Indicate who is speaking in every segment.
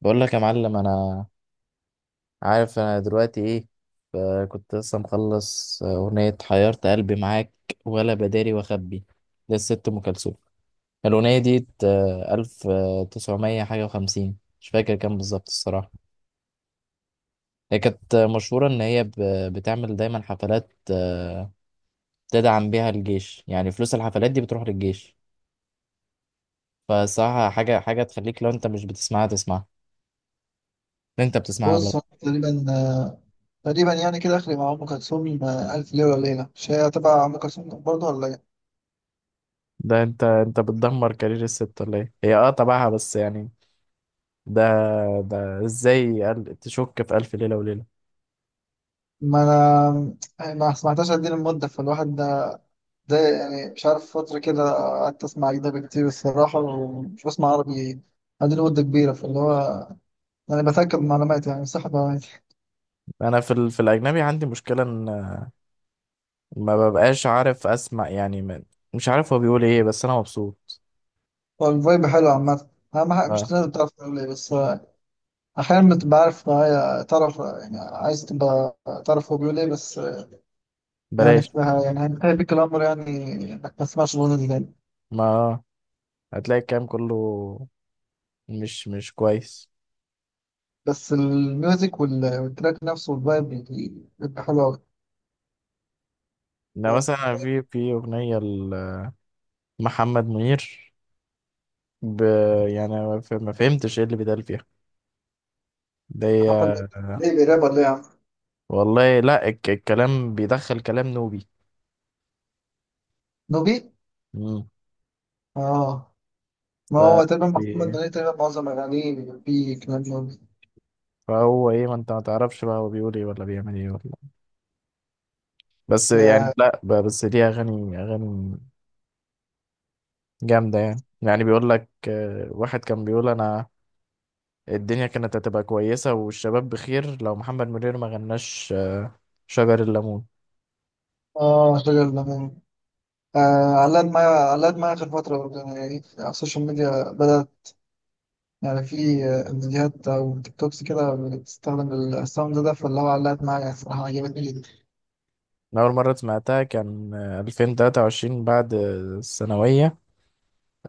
Speaker 1: بقول لك يا معلم، انا عارف انا دلوقتي ايه. ف- كنت لسه مخلص اغنية حيرت قلبي معاك ولا بداري واخبي، للست ام كلثوم. الاغنية دي الف تسعمية حاجة وخمسين، مش فاكر كام بالظبط الصراحة. هي كانت مشهورة ان هي بتعمل دايما حفلات، تدعم بيها الجيش، يعني فلوس الحفلات دي بتروح للجيش. فصراحة حاجة حاجة تخليك، لو انت مش بتسمعها تسمعها. انت بتسمعها ولا لا؟
Speaker 2: بص هو تقريبا تقريبا يعني كده اخري مع ام كلثوم الف ليله وليله مش هي تبع ام كلثوم برضه ولا ايه؟
Speaker 1: ده انت بتدمر كارير الست ولا ايه؟ هي اه تبعها، بس يعني ده، ده ازاي تشك في ألف ليلة وليلة؟
Speaker 2: ما انا يعني ما سمعتهاش قد ايه المده فالواحد ده. يعني مش عارف فتره كده قعدت اسمع اجنبي كتير الصراحه ومش بسمع عربي قد مده كبيره فاللي هو يعني بتاكد من معلوماتي يعني صح معلوماتي.
Speaker 1: انا في الاجنبي عندي مشكلة ان ما ببقاش عارف اسمع، يعني ما... مش عارف هو بيقول ايه، بس انا مبسوط.
Speaker 2: هو الفايب حلو عامه، اهم حاجه مش
Speaker 1: آه.
Speaker 2: لازم تعرف تقول ايه بس. احيانا بتبقى عارف معايا، تعرف يعني عايز تبقى تعرف هو بيقول ايه بس. يعني
Speaker 1: بلاش.
Speaker 2: اسمها يعني هيبك الأمر يعني إنك ما تسمعش الأغنية دي تاني.
Speaker 1: ما هتلاقي الكلام كله مش كويس.
Speaker 2: بس الميوزك والتراك نفسه والفايب بيبقى حلو أوي.
Speaker 1: ده مثلا في اغنية لمحمد منير، ب... يعني ما فهمتش ايه اللي بيتقال فيها ده
Speaker 2: محمد منير
Speaker 1: هي-
Speaker 2: ليه بيراب ولا إيه يا عم؟
Speaker 1: والله. لا، الكلام بيدخل كلام نوبي.
Speaker 2: نوبي؟
Speaker 1: مم.
Speaker 2: آه، ما
Speaker 1: ف
Speaker 2: هو تقريبا محمد منير تقريبا معظم أغانيه بيبقى فيه كلام نوبي.
Speaker 1: فهو ايه؟ ما انت ما تعرفش بقى هو بيقول ايه ولا بيعمل ايه ولا، بس
Speaker 2: آه
Speaker 1: يعني. لا، بس دي اغاني، اغاني جامده يعني بيقول لك، واحد كان بيقول انا الدنيا كانت هتبقى كويسه والشباب بخير لو محمد منير ما غناش، شجر الليمون.
Speaker 2: آه، شجر الليمون. آه، علاد معايا، علاد معايا آخر فترة برضه يعني، على السوشيال ميديا بدأت يعني في فيديوهات أو تيك توكس كده بتستخدم الساوند ده فاللي هو علقت معايا الصراحة، عجبتني جدا.
Speaker 1: أنا أول مرة سمعتها كان، 2023 بعد، الثانوية.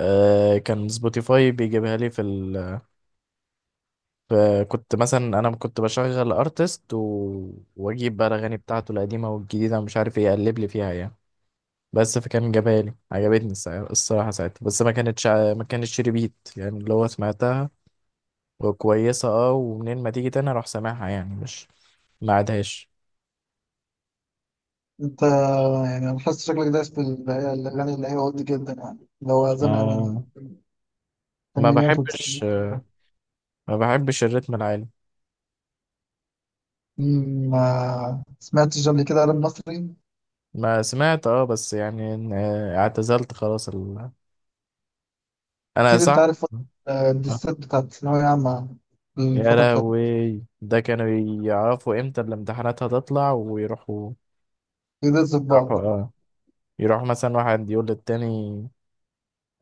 Speaker 1: كان سبوتيفاي بيجيبها لي ف- كنت مثلا، أنا كنت بشغل أرتست، وأجيب بقى الأغاني بتاعته القديمة والجديدة ومش عارف إيه، أقلب لي فيها يعني. بس فكان جابها لي، عجبتني الصراحة ساعتها، بس ما كانتش ما كانتش ريبيت يعني، اللي هو سمعتها وكويسة اه، ومنين ما تيجي تاني اروح سامعها، يعني مش ما عادهاش.
Speaker 2: انت يعني انا حاسس شكلك دايس هي الاغاني اللي هي ولد جدا يعني، اللي هو زمان من
Speaker 1: اه. ما
Speaker 2: الثمانينات
Speaker 1: بحبش،
Speaker 2: والتسعينات.
Speaker 1: ما بحبش الريتم العالي.
Speaker 2: ما سمعتش قبل كده راب مصري؟
Speaker 1: ما سمعت اه، بس يعني اعتزلت خلاص انا
Speaker 2: اكيد انت
Speaker 1: صح.
Speaker 2: عارف فترة،
Speaker 1: آه.
Speaker 2: الدسات بتاعت الثانوية عامة،
Speaker 1: يا
Speaker 2: الفترة بتاعت
Speaker 1: لهوي، ده كانوا يعرفوا امتى الامتحانات هتطلع ويروحوا،
Speaker 2: بيدز في
Speaker 1: يروحوا
Speaker 2: بعض.
Speaker 1: اه. يروح مثلا واحد يقول للتاني،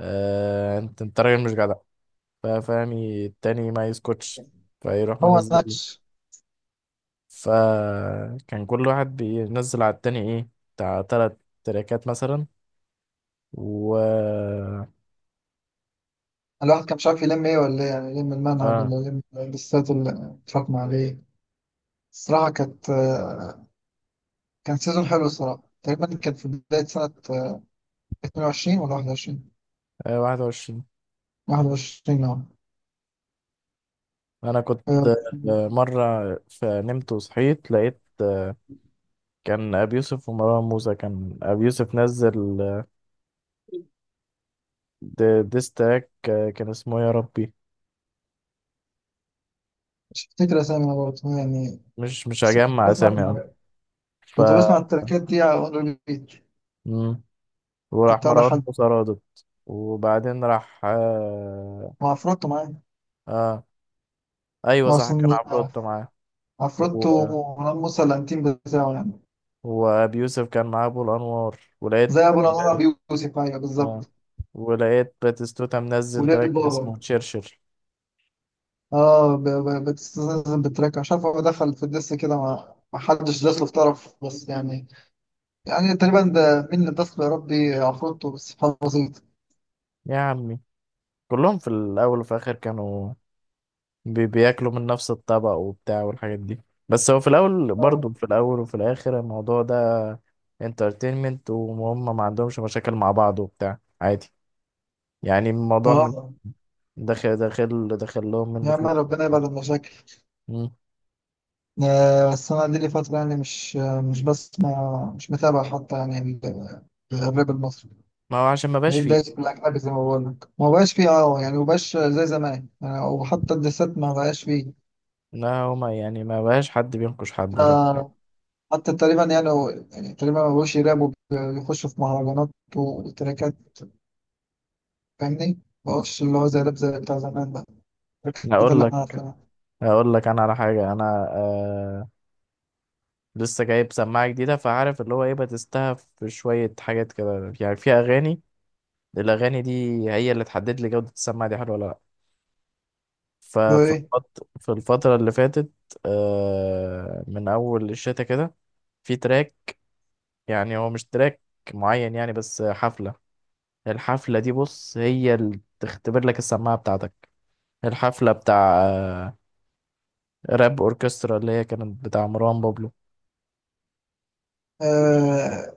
Speaker 1: آه انت راجل مش جدع. فاهم؟ التاني ما يسكتش، فيروح
Speaker 2: هو
Speaker 1: منزل.
Speaker 2: نكش،
Speaker 1: فكان كل واحد بينزل على التاني ايه، بتاع 3 تراكات مثلا، و اه،
Speaker 2: الواحد كان مش عارف يلم ايه ولا ايه يعني، يلم المنهج ولا يلم الدسات اللي اتراكم عليه. الصراحة كانت كان سيزون حلو الصراحة. تقريبا كان في بداية سنة 22 ولا 21.
Speaker 1: 21.
Speaker 2: 21.
Speaker 1: انا كنت،
Speaker 2: اه،
Speaker 1: مرة فنمت وصحيت لقيت، كان أبي يوسف ومروان موسى. كان أبي يوسف نزل، ديس تراك، كان اسمه يا ربي.
Speaker 2: مش فاكر اسامي برضه يعني
Speaker 1: مش
Speaker 2: بس كنت
Speaker 1: هجمع
Speaker 2: بسمع،
Speaker 1: أسامي يعني. ف
Speaker 2: كنت بسمع التراكات دي على اون ريبيت.
Speaker 1: مم. وراح
Speaker 2: كنت على
Speaker 1: مروان
Speaker 2: حد،
Speaker 1: موسى رادت، وبعدين راح،
Speaker 2: مع عفروتو معايا.
Speaker 1: اه ايوه
Speaker 2: ما
Speaker 1: صح، كان
Speaker 2: اصلا
Speaker 1: عفروتو معاه. و...
Speaker 2: عفروتو ومروان موسى الانتيم بتاعه يعني،
Speaker 1: وابي يوسف كان معاه ابو الانوار، ولقيت
Speaker 2: زي ابو الانوار. ابي يوسف، ايوه
Speaker 1: اه،
Speaker 2: بالظبط.
Speaker 1: ولقيت باتيستوتا منزل
Speaker 2: وليل
Speaker 1: تراك
Speaker 2: بابا.
Speaker 1: اسمه شرشر.
Speaker 2: اه، بتستلزم بالتراك، مش عارف هو دخل في الدس كده، ما حدش داس له في طرف بس يعني، يعني تقريبا ده مين اللي داس له؟ يا ربي، عفروتو، بس سبحان بسيط.
Speaker 1: يا عمي، كلهم في الاول وفي الاخر كانوا بياكلوا من نفس الطبق وبتاع والحاجات دي. بس هو في الاول
Speaker 2: اه.
Speaker 1: برضه، في الاول وفي الاخر الموضوع ده انترتينمنت، وهم ما عندهمش مشاكل مع بعض وبتاع عادي. يعني الموضوع من
Speaker 2: اه،
Speaker 1: داخل داخل داخل لهم
Speaker 2: يا
Speaker 1: منه
Speaker 2: عم
Speaker 1: فلوس
Speaker 2: ربنا
Speaker 1: وبتاع.
Speaker 2: يبعد المشاكل.
Speaker 1: مم.
Speaker 2: بس أنا دي لي فترة يعني مش، مش بسمع، مش متابع حتى يعني ال- الراب المصري،
Speaker 1: ما هو عشان ما بقاش
Speaker 2: بقيت
Speaker 1: فيه.
Speaker 2: دايس في الأجنبي زي ما بقول لك، ما بقاش فيه أه يعني، ما بقاش زي زمان يعني، وحتى الدسات ما بقاش فيه.
Speaker 1: لا هما يعني ما بقاش حد بينقش حد ولا بتاع.
Speaker 2: ف- حتى تقريبا يعني، يعني تقريبا ما بقوش يرابوا، بيخشوا في مهرجانات وتراكات، فاهمني؟ ما بقوش اللي هو زي راب زي بتاع زمان بقى،
Speaker 1: أنا
Speaker 2: التراكات
Speaker 1: اقول
Speaker 2: اللي
Speaker 1: لك
Speaker 2: احنا عارفينها.
Speaker 1: اقول لك انا على حاجه. انا آه، لسه جايب سماعه جديده، فعارف اللي هو ايه، بتستها في شويه حاجات كده، يعني في اغاني. الاغاني دي هي اللي تحدد لي جوده السماعه، دي حلوه ولا لا.
Speaker 2: اللي هو إيه؟
Speaker 1: في الفتره اللي فاتت، آه من اول الشتا كده، في تراك، يعني هو مش تراك معين يعني، بس حفله. الحفله دي بص هي اللي تختبر لك السماعه بتاعتك. الحفله بتاع راب اوركسترا، اللي هي كانت بتاع مروان بابلو.
Speaker 2: آه،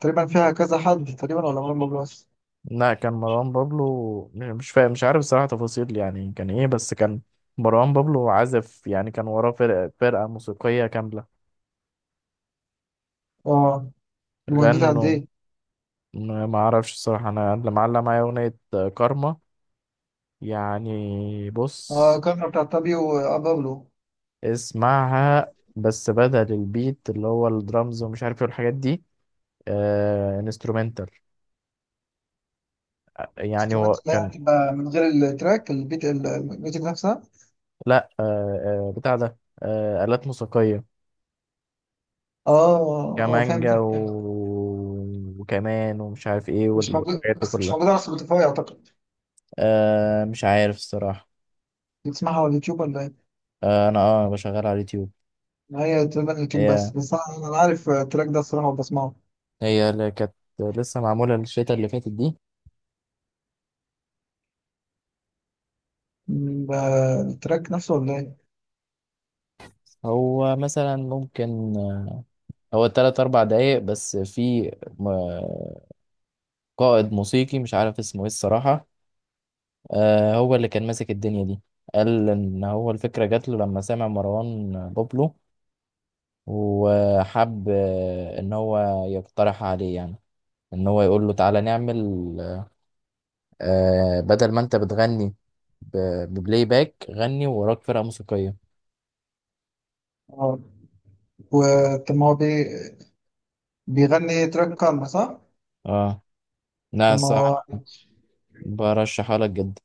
Speaker 2: تقريبا فيها كذا حد تقريبا ولا مرة بس؟
Speaker 1: لا، كان مروان بابلو مش فاهم، مش عارف صراحة تفاصيل يعني كان ايه، بس كان مروان بابلو عازف يعني، كان وراه فرقة موسيقية كاملة،
Speaker 2: أه. المدة قد
Speaker 1: غنوا.
Speaker 2: إيه؟
Speaker 1: ما اعرفش الصراحة، انا اللي معلق معايا اغنية كارما. يعني
Speaker 2: اه،
Speaker 1: بص،
Speaker 2: الكاميرا بتاعت تابيو وابابلو.
Speaker 1: اسمعها، بس بدل البيت اللي هو الدرامز ومش عارف ايه الحاجات دي، آه انسترومنتال، يعني هو
Speaker 2: انسترومنت ده
Speaker 1: كان،
Speaker 2: يعني من غير التراك، البيت الميوزك نفسها.
Speaker 1: لا آه، بتاع ده، آه آلات موسيقية،
Speaker 2: اه. اه، فهمت.
Speaker 1: كمانجا وكمان، ومش عارف ايه
Speaker 2: مش
Speaker 1: وال-
Speaker 2: موجود،
Speaker 1: والحاجات دي
Speaker 2: بس مش
Speaker 1: كلها.
Speaker 2: موجود على سبوتيفاي اعتقد.
Speaker 1: آه مش عارف الصراحة.
Speaker 2: بتسمعها على اليوتيوب ولا ايه؟
Speaker 1: آه انا اه بشغل على اليوتيوب.
Speaker 2: هي تقريبا اليوتيوب بس،
Speaker 1: هي
Speaker 2: بس انا أنا عارف التراك ده الصراحه وبسمعه.
Speaker 1: هي اللي كانت لسه معمولة الشتا اللي فاتت دي.
Speaker 2: م، ب- التراك نفسه ولا ايه؟
Speaker 1: هو مثلا ممكن، هو تلات أربع دقايق بس، في م- قائد موسيقي مش عارف اسمه ايه الصراحة، آه هو اللي كان ماسك الدنيا دي. قال إن هو الفكرة جات له لما سمع مروان بابلو، وحب، إن هو يقترح عليه يعني، ان هو يقول له تعالى نعمل، آه بدل ما انت بتغني ببلاي باك، غني وراك فرقة موسيقية.
Speaker 2: اه. وطب ما هو بيغني تراك كارما صح؟
Speaker 1: اه، لا
Speaker 2: طب ما هو،
Speaker 1: الصراحة، أنا برشحها لك جدا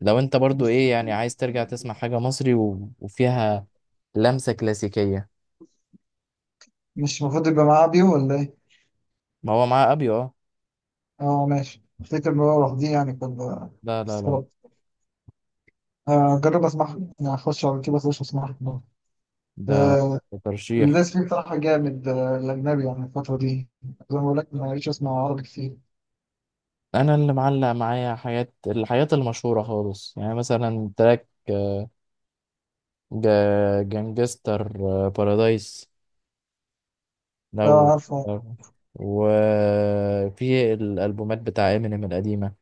Speaker 1: لو انت برضو
Speaker 2: مش
Speaker 1: ايه يعني، عايز ترجع تسمع حاجة مصري، وفيها لمسة كلاسيكية.
Speaker 2: مش المفروض يبقى معاه بيو ولا ايه؟
Speaker 1: ما هو معاه ابيو اه.
Speaker 2: اه ماشي، افتكر ان هو لوحديه يعني كان.
Speaker 1: لا لا لا،
Speaker 2: هجرب اسمعها يعني، هخش على كده اسيرش واسمعها.
Speaker 1: ده
Speaker 2: آه،
Speaker 1: ده ترشيح.
Speaker 2: الناس فيه بصراحة جامد. الأجنبي يعني الفترة دي زي ما بقول لك، ما بقتش أسمع عربي كتير.
Speaker 1: انا اللي معلق معايا حاجات، الحاجات المشهورة خالص، يعني مثلا تراك، جانجستر، بارادايس.
Speaker 2: لا
Speaker 1: لو
Speaker 2: عارفة.
Speaker 1: لو- وفي الألبومات بتاع امينيم القديمة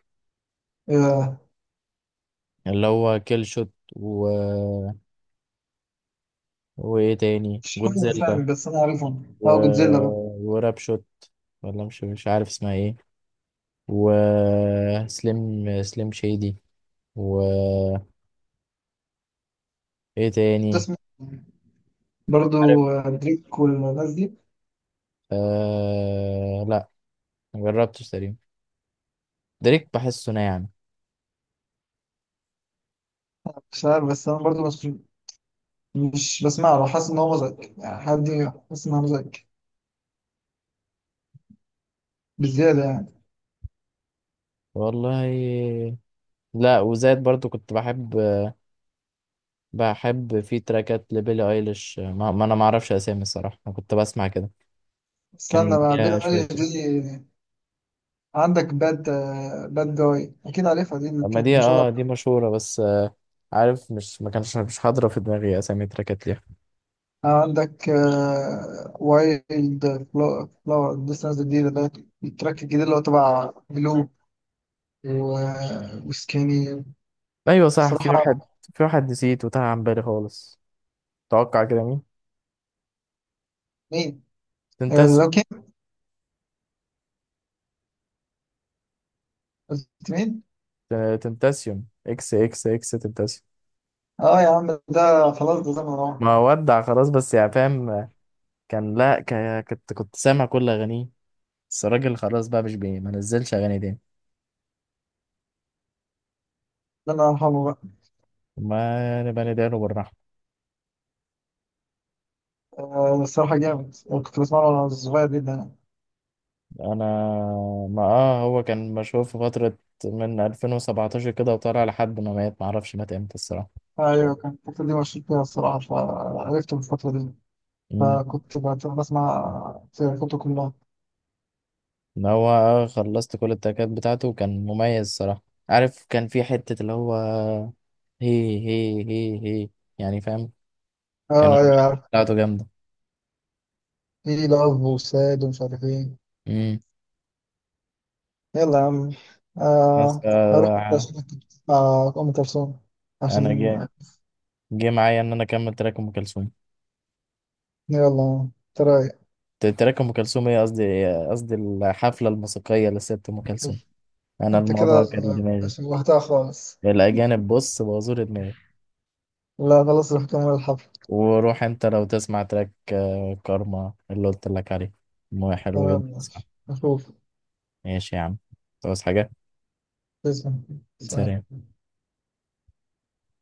Speaker 2: آه،
Speaker 1: اللي هو كيل شوت، و... وايه تاني،
Speaker 2: مش حاجة
Speaker 1: جودزيلا،
Speaker 2: فاهم بس أنا عارفهم،
Speaker 1: و...
Speaker 2: أه جودزيلا بقى.
Speaker 1: وراب شوت، ولا مش عارف اسمها ايه، وسليم، سليم شادي، وايه تاني.
Speaker 2: تسمع
Speaker 1: عارف
Speaker 2: برضو دريك والناس دي؟
Speaker 1: آه... لا، مجربتش تقريبا. دريك بحسه ناعم.
Speaker 2: مش عارف، بس أنا برضو مش، مش بسمع له، حاسس إن هو مزعج يعني حد، حاسس إن هو مزعج بالزيادة يعني.
Speaker 1: والله، لا وزاد برضو كنت بحب، بحب في تراكات لبيلي ايليش، ما انا ما اعرفش اسامي الصراحه، انا كنت بسمع كده.
Speaker 2: استنى
Speaker 1: كان
Speaker 2: بقى،
Speaker 1: ليها
Speaker 2: بيلي
Speaker 1: شويه
Speaker 2: أيليش
Speaker 1: تراك.
Speaker 2: دي، عندك باد، باد جاي أكيد عارفها دي اللي
Speaker 1: اما
Speaker 2: كانت
Speaker 1: دي
Speaker 2: مشهورة.
Speaker 1: اه دي مشهوره، بس آه عارف، مش ما كانش مش حاضره في دماغي اسامي تراكات ليها.
Speaker 2: عندك وايلد فلاور لسه نازل جديد ده، التراك الجديد اللي هو تبع بلو، وسكيني
Speaker 1: ايوه صح، في
Speaker 2: صراحة.
Speaker 1: واحد، في واحد نسيت وتاه عن بالي خالص. توقع كده مين؟
Speaker 2: مين؟ آه،
Speaker 1: تنتاسيون.
Speaker 2: لوكي. قلت مين؟
Speaker 1: تنتاسيون، اكس اكس اكس تنتاسيون.
Speaker 2: اه يا عم، ده خلاص ده زمن راح.
Speaker 1: ما ودع خلاص، بس يعني فاهم. كان لا، كنت سامع كل اغانيه، بس الراجل خلاص بقى مش بي، ما نزلش اغاني تاني.
Speaker 2: ده انا هرحمه بقى.
Speaker 1: ما نبقى ندعي له بالرحمه.
Speaker 2: الصراحة جامد، أنا كنت بسمعه وانا صغير جدا يعني.
Speaker 1: انا ما اه هو كان مشهور في فترة من 2017 كده، وطلع لحد ما مات، معرفش مات امتى الصراحة.
Speaker 2: ايوه كان الفترة دي مشهور فيها الصراحة، فعرفته في الفترة دي،
Speaker 1: امم.
Speaker 2: فكنت بسمع فرقته كلها.
Speaker 1: ان هو آه خلصت كل التراكات بتاعته، كان مميز الصراحة. عارف كان في حتة اللي هو هي هي هي هي يعني، فاهم؟ كان
Speaker 2: اه
Speaker 1: الفايب
Speaker 2: ايوه عارف.
Speaker 1: بتاعته جامدة.
Speaker 2: في لاف وساد ومش عارف ايه.
Speaker 1: امم.
Speaker 2: يلا يا عم.
Speaker 1: بس
Speaker 2: آه، هروح انت
Speaker 1: آه،
Speaker 2: عشان أنت بتسمع أم كلثوم
Speaker 1: انا
Speaker 2: عشان.
Speaker 1: جه معايا ان انا اكمل تراك ام كلثوم.
Speaker 2: يلا انت رايق،
Speaker 1: تراك ام كلثوم ايه؟ قصدي، قصدي الحفلة الموسيقية لست ام كلثوم. انا
Speaker 2: انت كده
Speaker 1: الموضوع كان دماغي،
Speaker 2: شوهتها خالص.
Speaker 1: الأجانب بص بوظوا لي دماغي.
Speaker 2: لا خلاص، روح كمل الحفل.
Speaker 1: وروح أنت لو تسمع تراك، كارما اللي قلت لك عليه، مو حلو
Speaker 2: تمام
Speaker 1: جدا صح؟
Speaker 2: ماشي، نشوف.
Speaker 1: ماشي يا عم، تعوز حاجة.
Speaker 2: تسلم. سلام.
Speaker 1: سلام